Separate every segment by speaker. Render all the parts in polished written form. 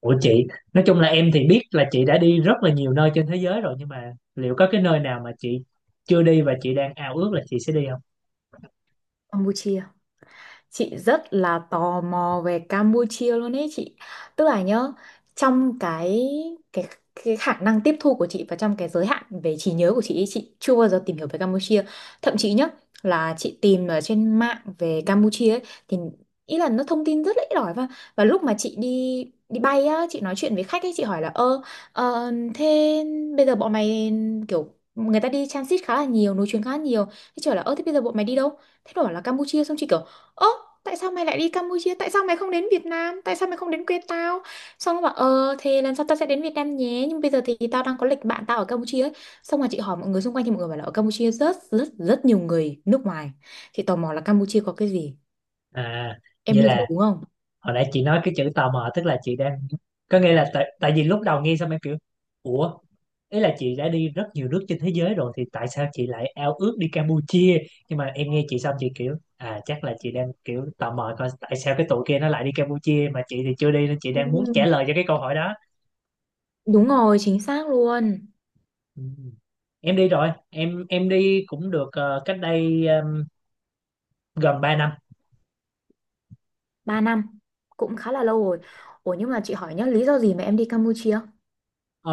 Speaker 1: Ủa chị, nói chung là em thì biết là chị đã đi rất là nhiều nơi trên thế giới rồi, nhưng mà liệu có cái nơi nào mà chị chưa đi và chị đang ao ước là chị sẽ đi không?
Speaker 2: Campuchia. Chị rất là tò mò về Campuchia luôn ấy chị. Tức là nhá, trong cái cái khả năng tiếp thu của chị và trong cái giới hạn về trí nhớ của chị ấy, chị chưa bao giờ tìm hiểu về Campuchia. Thậm chí nhá, là chị tìm ở trên mạng về Campuchia ấy, thì ý là nó thông tin rất là ít ỏi. Và lúc mà chị đi đi bay á, chị nói chuyện với khách ấy, chị hỏi là ơ, thế bây giờ bọn mày kiểu, người ta đi transit khá là nhiều, nối chuyến khá là nhiều, thế trời là ơ thế bây giờ bọn mày đi đâu. Thế nó bảo là Campuchia. Xong chị kiểu ơ, tại sao mày lại đi Campuchia, tại sao mày không đến Việt Nam, tại sao mày không đến quê tao. Xong nó bảo ờ thì lần sau tao sẽ đến Việt Nam nhé, nhưng bây giờ thì tao đang có lịch bạn tao ở Campuchia ấy. Xong rồi chị hỏi mọi người xung quanh thì mọi người bảo là ở Campuchia rất rất rất nhiều người nước ngoài. Chị tò mò là Campuchia có cái gì.
Speaker 1: À,
Speaker 2: Em
Speaker 1: vậy
Speaker 2: đi
Speaker 1: là
Speaker 2: rồi đúng không.
Speaker 1: hồi nãy chị nói cái chữ tò mò, tức là chị đang có nghĩa là tại vì lúc đầu nghe xong em kiểu ủa, ý là chị đã đi rất nhiều nước trên thế giới rồi thì tại sao chị lại ao ước đi Campuchia? Nhưng mà em nghe chị xong chị kiểu à, chắc là chị đang kiểu tò mò coi tại sao cái tụi kia nó lại đi Campuchia mà chị thì chưa đi, nên chị đang muốn trả
Speaker 2: Ừ.
Speaker 1: lời cho cái câu hỏi đó.
Speaker 2: Đúng rồi, chính xác luôn.
Speaker 1: Ừ. Em đi rồi, em đi cũng được cách đây gần 3 năm.
Speaker 2: 3 năm, cũng khá là lâu rồi. Ủa nhưng mà chị hỏi nhá, lý do gì mà em đi Campuchia?
Speaker 1: Ờ,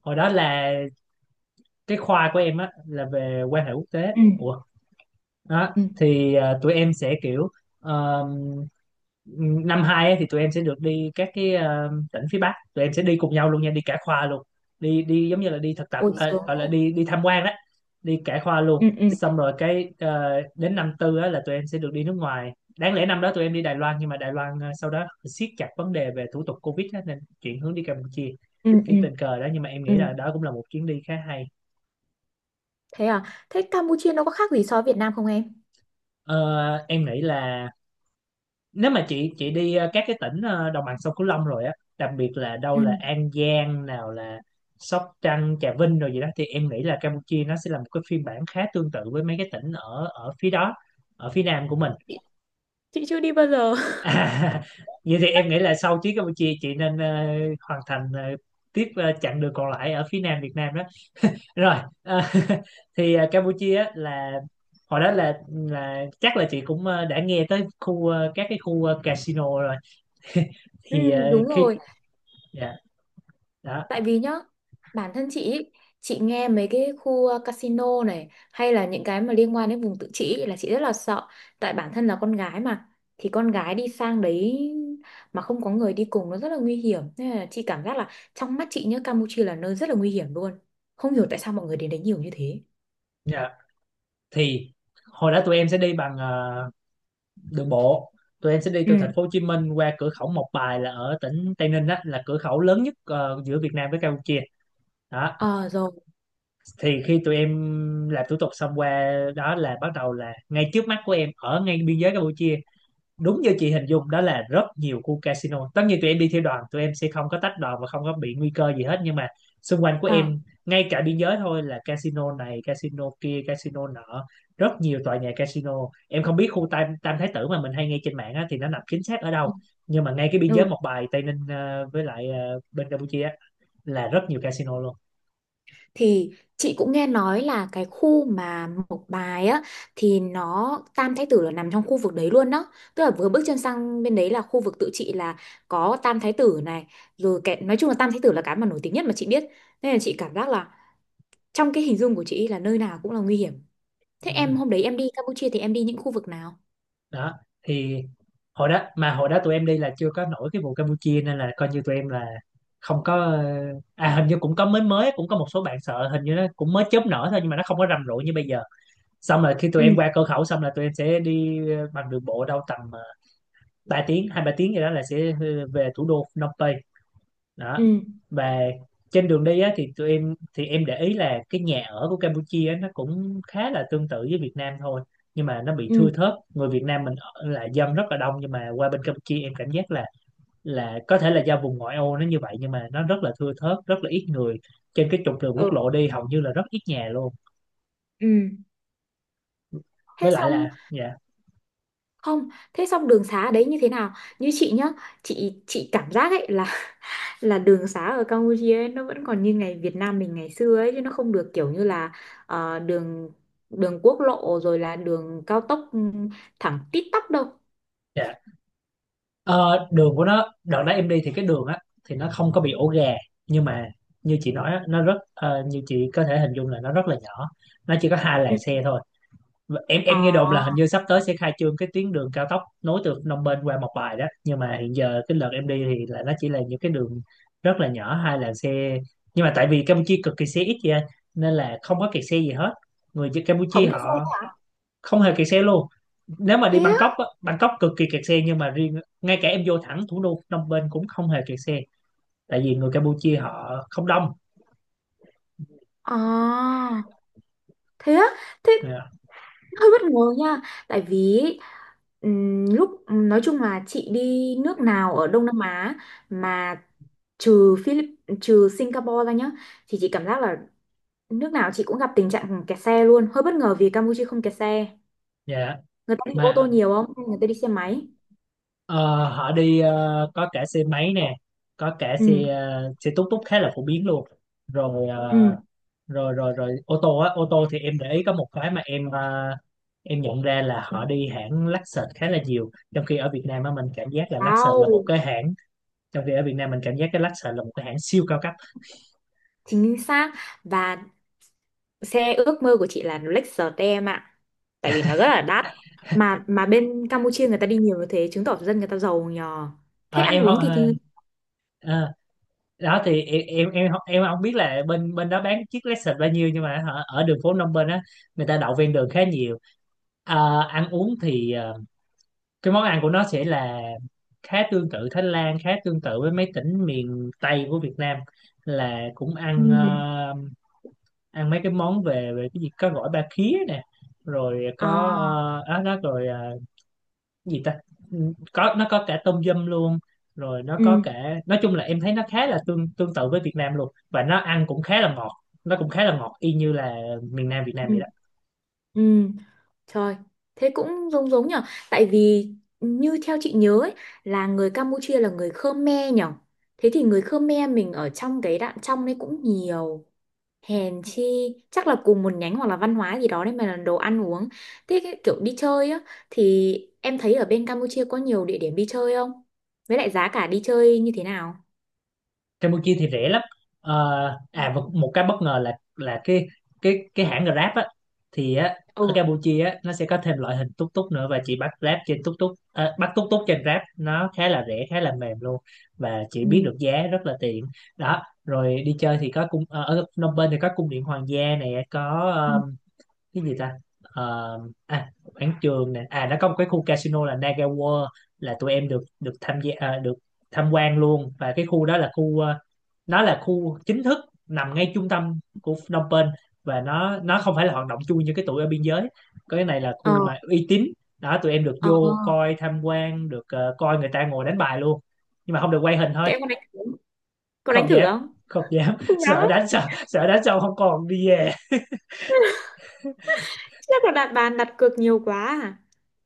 Speaker 1: Hồi đó là cái khoa của em á là về quan hệ quốc tế.
Speaker 2: Ừ,
Speaker 1: Ủa, đó
Speaker 2: ừ.
Speaker 1: thì tụi em sẽ kiểu ờ, năm hai ấy, thì tụi em sẽ được đi các cái tỉnh phía Bắc, tụi em sẽ đi cùng nhau luôn nha, đi cả khoa luôn, đi đi giống như là đi thực tập
Speaker 2: Ôi
Speaker 1: à,
Speaker 2: sướng
Speaker 1: gọi là
Speaker 2: thế.
Speaker 1: đi đi tham quan đó, đi cả khoa luôn.
Speaker 2: Ừ, ừ.
Speaker 1: Xong rồi cái đến năm tư á, là tụi em sẽ được đi nước ngoài. Đáng lẽ năm đó tụi em đi Đài Loan, nhưng mà Đài Loan sau đó siết chặt vấn đề về thủ tục Covid á, nên chuyển hướng đi Campuchia.
Speaker 2: Ừ,
Speaker 1: Cái
Speaker 2: ừ.
Speaker 1: tình cờ đó, nhưng mà em nghĩ
Speaker 2: Ừ.
Speaker 1: là đó cũng là một chuyến đi khá hay.
Speaker 2: Thế à? Thế Campuchia nó có khác gì so với Việt Nam không em?
Speaker 1: Ờ, em nghĩ là nếu mà chị đi các cái tỉnh đồng bằng sông Cửu Long rồi á, đặc biệt là đâu
Speaker 2: Ừ.
Speaker 1: là An Giang, nào là Sóc Trăng, Trà Vinh rồi gì đó, thì em nghĩ là Campuchia nó sẽ là một cái phiên bản khá tương tự với mấy cái tỉnh ở ở phía đó, ở phía nam của mình.
Speaker 2: chị chị chưa đi bao giờ
Speaker 1: À, vậy thì em nghĩ là sau chuyến Campuchia chị nên hoàn thành tiếp chặng đường còn lại ở phía nam Việt Nam đó. Rồi ờ, thì Campuchia á là hồi đó là chắc là chị cũng đã nghe tới khu các cái khu casino rồi,
Speaker 2: Ừ,
Speaker 1: thì
Speaker 2: đúng
Speaker 1: khi
Speaker 2: rồi,
Speaker 1: dạ đó.
Speaker 2: tại vì nhá, bản thân chị ý, chị nghe mấy cái khu casino này hay là những cái mà liên quan đến vùng tự trị ý, là chị rất là sợ, tại bản thân là con gái mà, thì con gái đi sang đấy mà không có người đi cùng nó rất là nguy hiểm. Nên là chị cảm giác là trong mắt chị nhá, Campuchia là nơi rất là nguy hiểm luôn. Không hiểu tại sao mọi người đến đấy nhiều như thế.
Speaker 1: Dạ, thì hồi đó tụi em sẽ đi bằng đường bộ, tụi em sẽ đi từ
Speaker 2: Ừ.
Speaker 1: thành phố Hồ Chí Minh qua cửa khẩu Mộc Bài là ở tỉnh Tây Ninh, đó là cửa khẩu lớn nhất giữa Việt Nam với Campuchia đó.
Speaker 2: Ờ rồi.
Speaker 1: Thì khi tụi em làm thủ tục xong qua đó là bắt đầu là ngay trước mắt của em ở ngay biên giới Campuchia đúng như chị hình dung, đó là rất nhiều khu casino. Tất nhiên tụi em đi theo đoàn, tụi em sẽ không có tách đoàn và không có bị nguy cơ gì hết, nhưng mà xung quanh của
Speaker 2: Ờ.
Speaker 1: em ngay cả biên giới thôi là casino này, casino kia, casino nọ, rất nhiều tòa nhà casino. Em không biết khu Tam Tam Thái Tử mà mình hay nghe trên mạng á, thì nó nằm chính xác ở đâu, nhưng mà ngay cái biên giới
Speaker 2: Ừ.
Speaker 1: một bài Tây Ninh với lại bên Campuchia á, là rất nhiều casino luôn.
Speaker 2: Thì chị cũng nghe nói là cái khu mà Mộc Bài á, thì nó Tam Thái Tử là nằm trong khu vực đấy luôn đó, tức là vừa bước chân sang bên đấy là khu vực tự trị, là có Tam Thái Tử này, rồi cái nói chung là Tam Thái Tử là cái mà nổi tiếng nhất mà chị biết. Nên là chị cảm giác là trong cái hình dung của chị là nơi nào cũng là nguy hiểm. Thế em
Speaker 1: Ừ,
Speaker 2: hôm đấy em đi Campuchia thì em đi những khu vực nào.
Speaker 1: đó thì hồi đó tụi em đi là chưa có nổi cái vụ Campuchia, nên là coi như tụi em là không có à hình như cũng có mới mới cũng có một số bạn sợ, hình như nó cũng mới chớp nở thôi nhưng mà nó không có rầm rộ như bây giờ. Xong rồi khi tụi
Speaker 2: Ừ,
Speaker 1: em qua cửa khẩu xong là tụi em sẽ đi bằng đường bộ đâu tầm 3 tiếng, hai ba tiếng gì đó, là sẽ về thủ đô Phnom Penh đó.
Speaker 2: ừ,
Speaker 1: Và trên đường đi á, thì tụi em thì em để ý là cái nhà ở của Campuchia á, nó cũng khá là tương tự với Việt Nam thôi, nhưng mà nó bị thưa
Speaker 2: ừ,
Speaker 1: thớt. Người Việt Nam mình ở là dân rất là đông, nhưng mà qua bên Campuchia em cảm giác là có thể là do vùng ngoại ô nó như vậy, nhưng mà nó rất là thưa thớt, rất là ít người. Trên cái trục đường
Speaker 2: ừ,
Speaker 1: quốc lộ đi hầu như là rất ít nhà luôn,
Speaker 2: ừ. Thế
Speaker 1: với lại là
Speaker 2: xong,
Speaker 1: dạ
Speaker 2: không thế xong đường xá ở đấy như thế nào. Như chị nhá, chị cảm giác ấy là đường xá ở Campuchia ấy, nó vẫn còn như ngày Việt Nam mình ngày xưa ấy chứ, nó không được kiểu như là đường đường quốc lộ rồi là đường cao tốc, ừ, thẳng tít tắp đâu.
Speaker 1: dạ Ờ, đường của nó đợt đó em đi thì cái đường á thì nó không có bị ổ gà, nhưng mà như chị nói á, nó rất như chị có thể hình dung là nó rất là nhỏ, nó chỉ có hai
Speaker 2: Ừ.
Speaker 1: làn xe thôi. Và em
Speaker 2: Ờ,
Speaker 1: em nghe đồn là hình như sắp tới sẽ khai trương cái tuyến đường cao tốc nối từ Phnom Penh qua Mộc Bài đó, nhưng mà hiện giờ cái đợt em đi thì là nó chỉ là những cái đường rất là nhỏ, hai làn xe. Nhưng mà tại vì Campuchia cực kỳ xe ít vậy nên là không có kẹt xe gì hết, người dân Campuchia
Speaker 2: không cái xe
Speaker 1: họ không hề kẹt xe luôn. Nếu mà đi
Speaker 2: thế
Speaker 1: Bangkok
Speaker 2: á.
Speaker 1: á, Bangkok cực kỳ kẹt xe, nhưng mà riêng ngay cả em vô thẳng thủ đô Phnom Penh cũng không hề kẹt xe, tại vì người Campuchia họ không đông.
Speaker 2: Ờ. Thế á. Thế
Speaker 1: Dạ.
Speaker 2: hơi bất ngờ nha, tại vì lúc nói chung là chị đi nước nào ở Đông Nam Á mà trừ Philip trừ Singapore ra nhá, thì chị cảm giác là nước nào chị cũng gặp tình trạng kẹt xe luôn. Hơi bất ngờ vì Campuchia không kẹt xe,
Speaker 1: Dạ,
Speaker 2: người ta đi ô tô
Speaker 1: mà
Speaker 2: nhiều, không người ta đi xe máy.
Speaker 1: ờ, họ đi có cả xe máy nè, có cả xe
Speaker 2: Ừ,
Speaker 1: xe tút tút khá là phổ biến luôn, rồi
Speaker 2: ừ.
Speaker 1: rồi ô tô á. Ô tô thì em để ý có một cái mà em nhận ra là họ đi hãng Lexus khá là nhiều, trong khi ở Việt Nam á mình cảm giác là Lexus là một
Speaker 2: Wow.
Speaker 1: cái hãng, trong khi ở Việt Nam mình cảm giác cái Lexus là một cái hãng siêu cao cấp.
Speaker 2: Chính xác, và xe ước mơ của chị là Lexus em ạ, tại vì nó rất là đắt. Mà bên Campuchia người ta đi nhiều như thế chứng tỏ dân người ta giàu nhờ.
Speaker 1: À,
Speaker 2: Thế ăn
Speaker 1: em không.
Speaker 2: uống thì thì.
Speaker 1: À, đó thì em không- em không biết là bên bên đó bán chiếc Lexus bao nhiêu, nhưng mà hả, ở đường phố Phnom Penh á người ta đậu ven đường khá nhiều. Ờ, ăn uống thì cái món ăn của nó sẽ là khá tương tự Thái Lan, khá tương tự với mấy tỉnh miền Tây của Việt Nam, là cũng
Speaker 2: Ừ.
Speaker 1: ăn ăn mấy cái món về về cái gì, có gỏi ba khía nè, rồi có
Speaker 2: À,
Speaker 1: đó, đó rồi gì ta. Ừ, có, nó có cả tôm dâm luôn, rồi nó có
Speaker 2: ừ,
Speaker 1: cả, nói chung là em thấy nó khá là tương tương tự với Việt Nam luôn, và nó ăn cũng khá là ngọt, nó cũng khá là ngọt y như là miền Nam Việt Nam
Speaker 2: ừ,
Speaker 1: vậy đó.
Speaker 2: ừ. Trời, thế cũng giống giống nhở. Tại vì như theo chị nhớ ấy, là người Campuchia là người Khmer nhở. Thế thì người Khmer mình ở trong cái đạn trong đấy cũng nhiều, hèn chi, chắc là cùng một nhánh hoặc là văn hóa gì đó đấy mà là đồ ăn uống. Thế cái kiểu đi chơi á thì, em thấy ở bên Campuchia có nhiều địa điểm đi chơi không, với lại giá cả đi chơi như thế nào.
Speaker 1: Campuchia thì rẻ lắm. Ờ, à và một cái bất ngờ là cái hãng Grab á, thì á
Speaker 2: Ừ.
Speaker 1: ở Campuchia á nó sẽ có thêm loại hình túc túc nữa, và chị bắt Grab trên túc túc à, bắt túc túc trên Grab nó khá là rẻ, khá là mềm luôn, và chị biết
Speaker 2: Ừ.
Speaker 1: được giá rất là tiện. Đó rồi đi chơi thì có cung ở Phnom Penh thì có cung điện hoàng gia này, có
Speaker 2: Ừ.
Speaker 1: cái gì ta. Ờ, à quảng trường nè, à nó có một cái khu casino là Naga World, là tụi em được được tham gia à, được tham quan luôn. Và cái khu đó là khu nó là khu chính thức, nằm ngay trung tâm của Phnom Penh, và nó không phải là hoạt động chui như cái tụi ở biên giới, cái này là
Speaker 2: Ờ,
Speaker 1: khu mà uy tín đó. Tụi em được
Speaker 2: ờ.
Speaker 1: vô coi tham quan, được coi người ta ngồi đánh bài luôn, nhưng mà không được quay hình thôi.
Speaker 2: Thế em có đánh thử không? Có đánh
Speaker 1: Không
Speaker 2: thử
Speaker 1: dám,
Speaker 2: không?
Speaker 1: không dám.
Speaker 2: Không dám
Speaker 1: Sợ
Speaker 2: á,
Speaker 1: đánh xong, sợ đánh xong không còn đi về.
Speaker 2: chắc là đặt bàn đặt cược nhiều quá. À.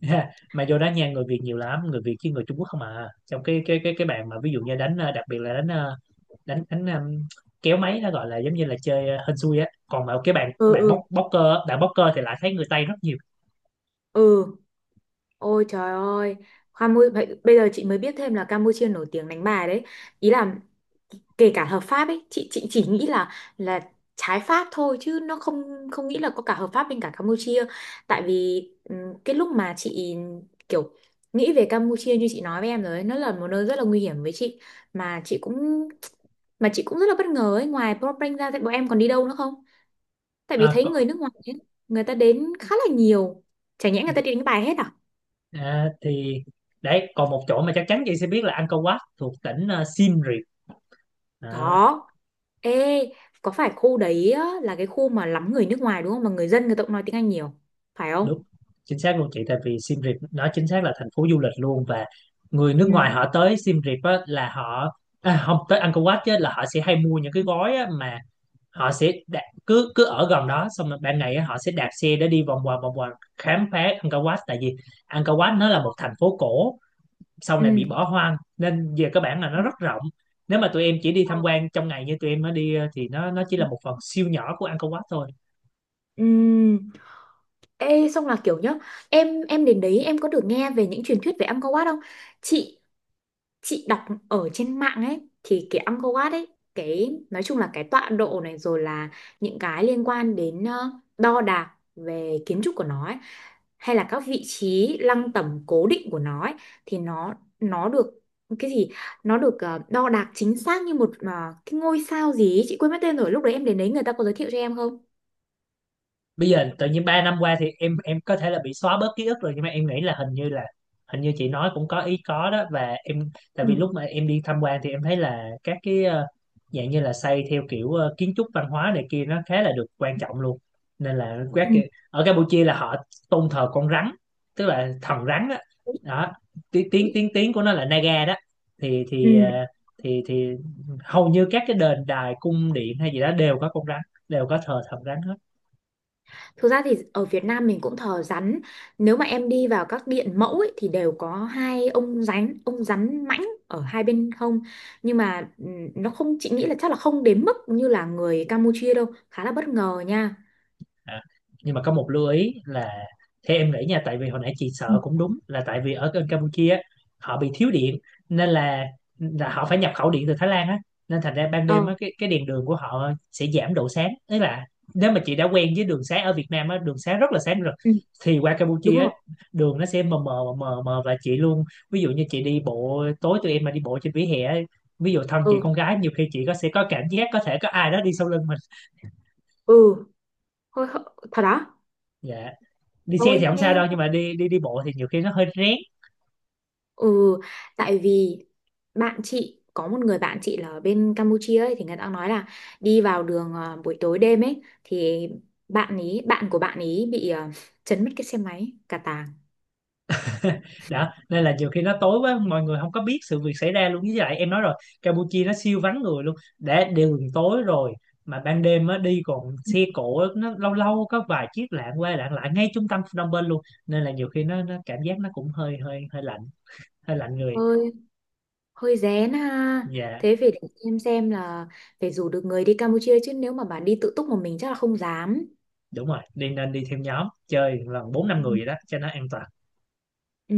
Speaker 1: Ha, mà vô đá nha, người Việt nhiều lắm, người Việt chứ người Trung Quốc không à, trong cái bàn mà ví dụ như đánh đặc biệt là đánh đánh đánh kéo máy, nó gọi là giống như là chơi hên xui á. Còn mà cái bàn
Speaker 2: Ừ,
Speaker 1: bàn bóc
Speaker 2: ừ,
Speaker 1: bóc cơ á, bạn bóc cơ thì lại thấy người Tây rất nhiều.
Speaker 2: ừ. Ôi trời ơi, Campuchia, bây giờ chị mới biết thêm là Campuchia nổi tiếng đánh bài đấy. Ý là kể cả hợp pháp ấy, chị chỉ nghĩ là trái pháp thôi chứ nó không không nghĩ là có cả hợp pháp bên cả Campuchia. Tại vì cái lúc mà chị kiểu nghĩ về Campuchia như chị nói với em rồi ấy, nó là một nơi rất là nguy hiểm với chị. mà chị cũng mà chị cũng rất là bất ngờ ấy, ngoài Phnom Penh ra thì bọn em còn đi đâu nữa không? Tại vì
Speaker 1: À,
Speaker 2: thấy
Speaker 1: có,
Speaker 2: người nước ngoài ấy, người ta đến khá là nhiều. Chả nhẽ người ta đi đánh bài hết à?
Speaker 1: à, thì đấy còn một chỗ mà chắc chắn chị sẽ biết là Angkor Wat thuộc tỉnh Siem Reap. À,
Speaker 2: Có. Ê, có phải khu đấy á, là cái khu mà lắm người nước ngoài đúng không? Mà người dân người ta cũng nói tiếng Anh nhiều, phải không?
Speaker 1: đúng, chính xác luôn chị, tại vì Siem Reap nó chính xác là thành phố du lịch luôn. Và người nước
Speaker 2: Ừ.
Speaker 1: ngoài họ tới Siem Reap á, là họ à, không tới Angkor Wat chứ, là họ sẽ hay mua những cái gói á, mà họ sẽ đạ- cứ cứ ở gần đó, xong rồi ban ngày á, họ sẽ đạp xe để đi vòng vòng khám phá Angkor Wat, tại vì Angkor Wat nó là một thành phố cổ, sau này
Speaker 2: Ừ.
Speaker 1: bị bỏ hoang nên về các bản là
Speaker 2: Ừ.
Speaker 1: nó rất rộng. Nếu mà tụi em chỉ đi tham quan trong ngày như tụi em mới đi thì nó chỉ là một phần siêu nhỏ của Angkor Wat thôi.
Speaker 2: Ừ. Ê, xong là kiểu nhá, em đến đấy em có được nghe về những truyền thuyết về Angkor Wat không? Chị chị đọc ở trên mạng ấy thì cái Angkor Wat ấy, cái nói chung là cái tọa độ này rồi là những cái liên quan đến đo đạc về kiến trúc của nó ấy, hay là các vị trí lăng tẩm cố định của nó ấy, thì nó được cái gì, nó được đo đạc chính xác như một cái ngôi sao gì ấy. Chị quên mất tên rồi. Lúc đấy em đến đấy người ta có giới thiệu cho em không.
Speaker 1: Bây giờ tự nhiên 3 năm qua thì em có thể là bị xóa bớt ký ức rồi, nhưng mà em nghĩ là hình như là, hình như chị nói cũng có ý có đó. Và em, tại
Speaker 2: Ừ.
Speaker 1: vì lúc mà em đi tham quan thì em thấy là các cái dạng như là xây theo kiểu kiến trúc văn hóa này kia nó khá là được quan trọng luôn, nên là các
Speaker 2: Ừ.
Speaker 1: kiểu, ở Campuchia là họ tôn thờ con rắn, tức là thần rắn đó, đó. Tiếng tiếng tiếng tiếng của nó là Naga đó, thì thì ờ,
Speaker 2: Ừ.
Speaker 1: thì thì hầu như các cái đền đài, cung điện hay gì đó đều có con rắn, đều có thờ thần rắn.
Speaker 2: Thực ra thì ở Việt Nam mình cũng thờ rắn. Nếu mà em đi vào các điện mẫu ấy, thì đều có hai ông rắn mãnh ở hai bên hông. Nhưng mà nó không, chị nghĩ là chắc là không đến mức như là người Campuchia đâu, khá là bất ngờ nha.
Speaker 1: À, nhưng mà có một lưu ý là theo em nghĩ nha, tại vì hồi nãy chị
Speaker 2: Ừ.
Speaker 1: sợ cũng đúng, là tại vì ở bên Campuchia á, họ bị thiếu điện, nên là họ phải nhập khẩu điện từ Thái Lan á, nên thành ra ban đêm
Speaker 2: Ờ,
Speaker 1: á cái đèn đường của họ sẽ giảm độ sáng, tức là nếu mà chị đã quen với đường sáng ở Việt Nam á, đường sáng rất là sáng rồi,
Speaker 2: ừ,
Speaker 1: thì qua
Speaker 2: đúng
Speaker 1: Campuchia á,
Speaker 2: rồi.
Speaker 1: đường nó sẽ mờ mờ và chị luôn, ví dụ như chị đi bộ tối, tụi em mà đi bộ trên vỉa hè á, ví dụ thân chị
Speaker 2: Ừ,
Speaker 1: con gái, nhiều khi chị có sẽ có cảm giác có thể có ai đó đi sau lưng mình.
Speaker 2: ừ, thôi, thôi- thật đó.
Speaker 1: Dạ, đi xe thì
Speaker 2: Thôi
Speaker 1: không sao
Speaker 2: nghe.
Speaker 1: đâu, nhưng mà đi đi đi bộ thì nhiều khi nó hơi rén.
Speaker 2: Ừ, tại vì bạn chị có một người bạn chị là ở bên Campuchia ấy, thì người ta nói là đi vào đường buổi tối đêm ấy thì bạn của bạn ý bị chấn mất cái xe máy cả tàng.
Speaker 1: Đó nên là nhiều khi nó tối quá, mọi người không có biết sự việc xảy ra luôn, với lại em nói rồi, Campuchia nó siêu vắng người luôn, đã đường tối rồi mà ban đêm á đi còn xe cộ á, nó lâu lâu có vài chiếc lạng qua lạng lại ngay trung tâm Phnom Penh luôn, nên là nhiều khi nó cảm giác nó cũng hơi hơi hơi lạnh, hơi lạnh người.
Speaker 2: Hơi hơi rén ha.
Speaker 1: Dạ,
Speaker 2: Thế phải để em xem là phải rủ được người đi Campuchia, chứ nếu mà bà đi tự túc một mình chắc là không dám.
Speaker 1: đúng rồi, đi nên đi theo nhóm chơi lần bốn năm
Speaker 2: Ừ.
Speaker 1: người vậy đó cho nó an toàn.
Speaker 2: Ừ,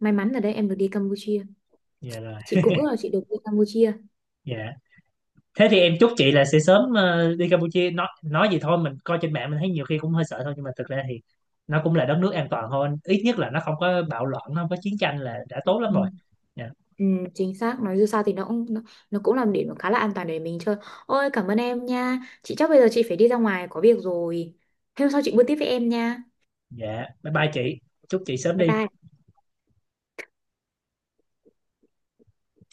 Speaker 2: may mắn là đây em được đi Campuchia.
Speaker 1: Dạ rồi.
Speaker 2: Chị cũng ước là chị được đi Campuchia.
Speaker 1: Dạ, thế thì em chúc chị là sẽ sớm đi Campuchia. Nói gì thôi mình coi trên mạng mình thấy nhiều khi cũng hơi sợ thôi, nhưng mà thực ra thì nó cũng là đất nước an toàn hơn, ít nhất là nó không có bạo loạn, nó không có chiến tranh là đã tốt lắm rồi.
Speaker 2: Ừ.
Speaker 1: Dạ.
Speaker 2: Ừ, chính xác, nói dù sao thì nó cũng là một điểm khá là an toàn để mình chơi. Ôi cảm ơn em nha, chị chắc bây giờ chị phải đi ra ngoài có việc rồi. Hôm sau chị buôn tiếp với em nha.
Speaker 1: Dạ, bye bye chị, chúc chị sớm
Speaker 2: Bye
Speaker 1: đi.
Speaker 2: bye.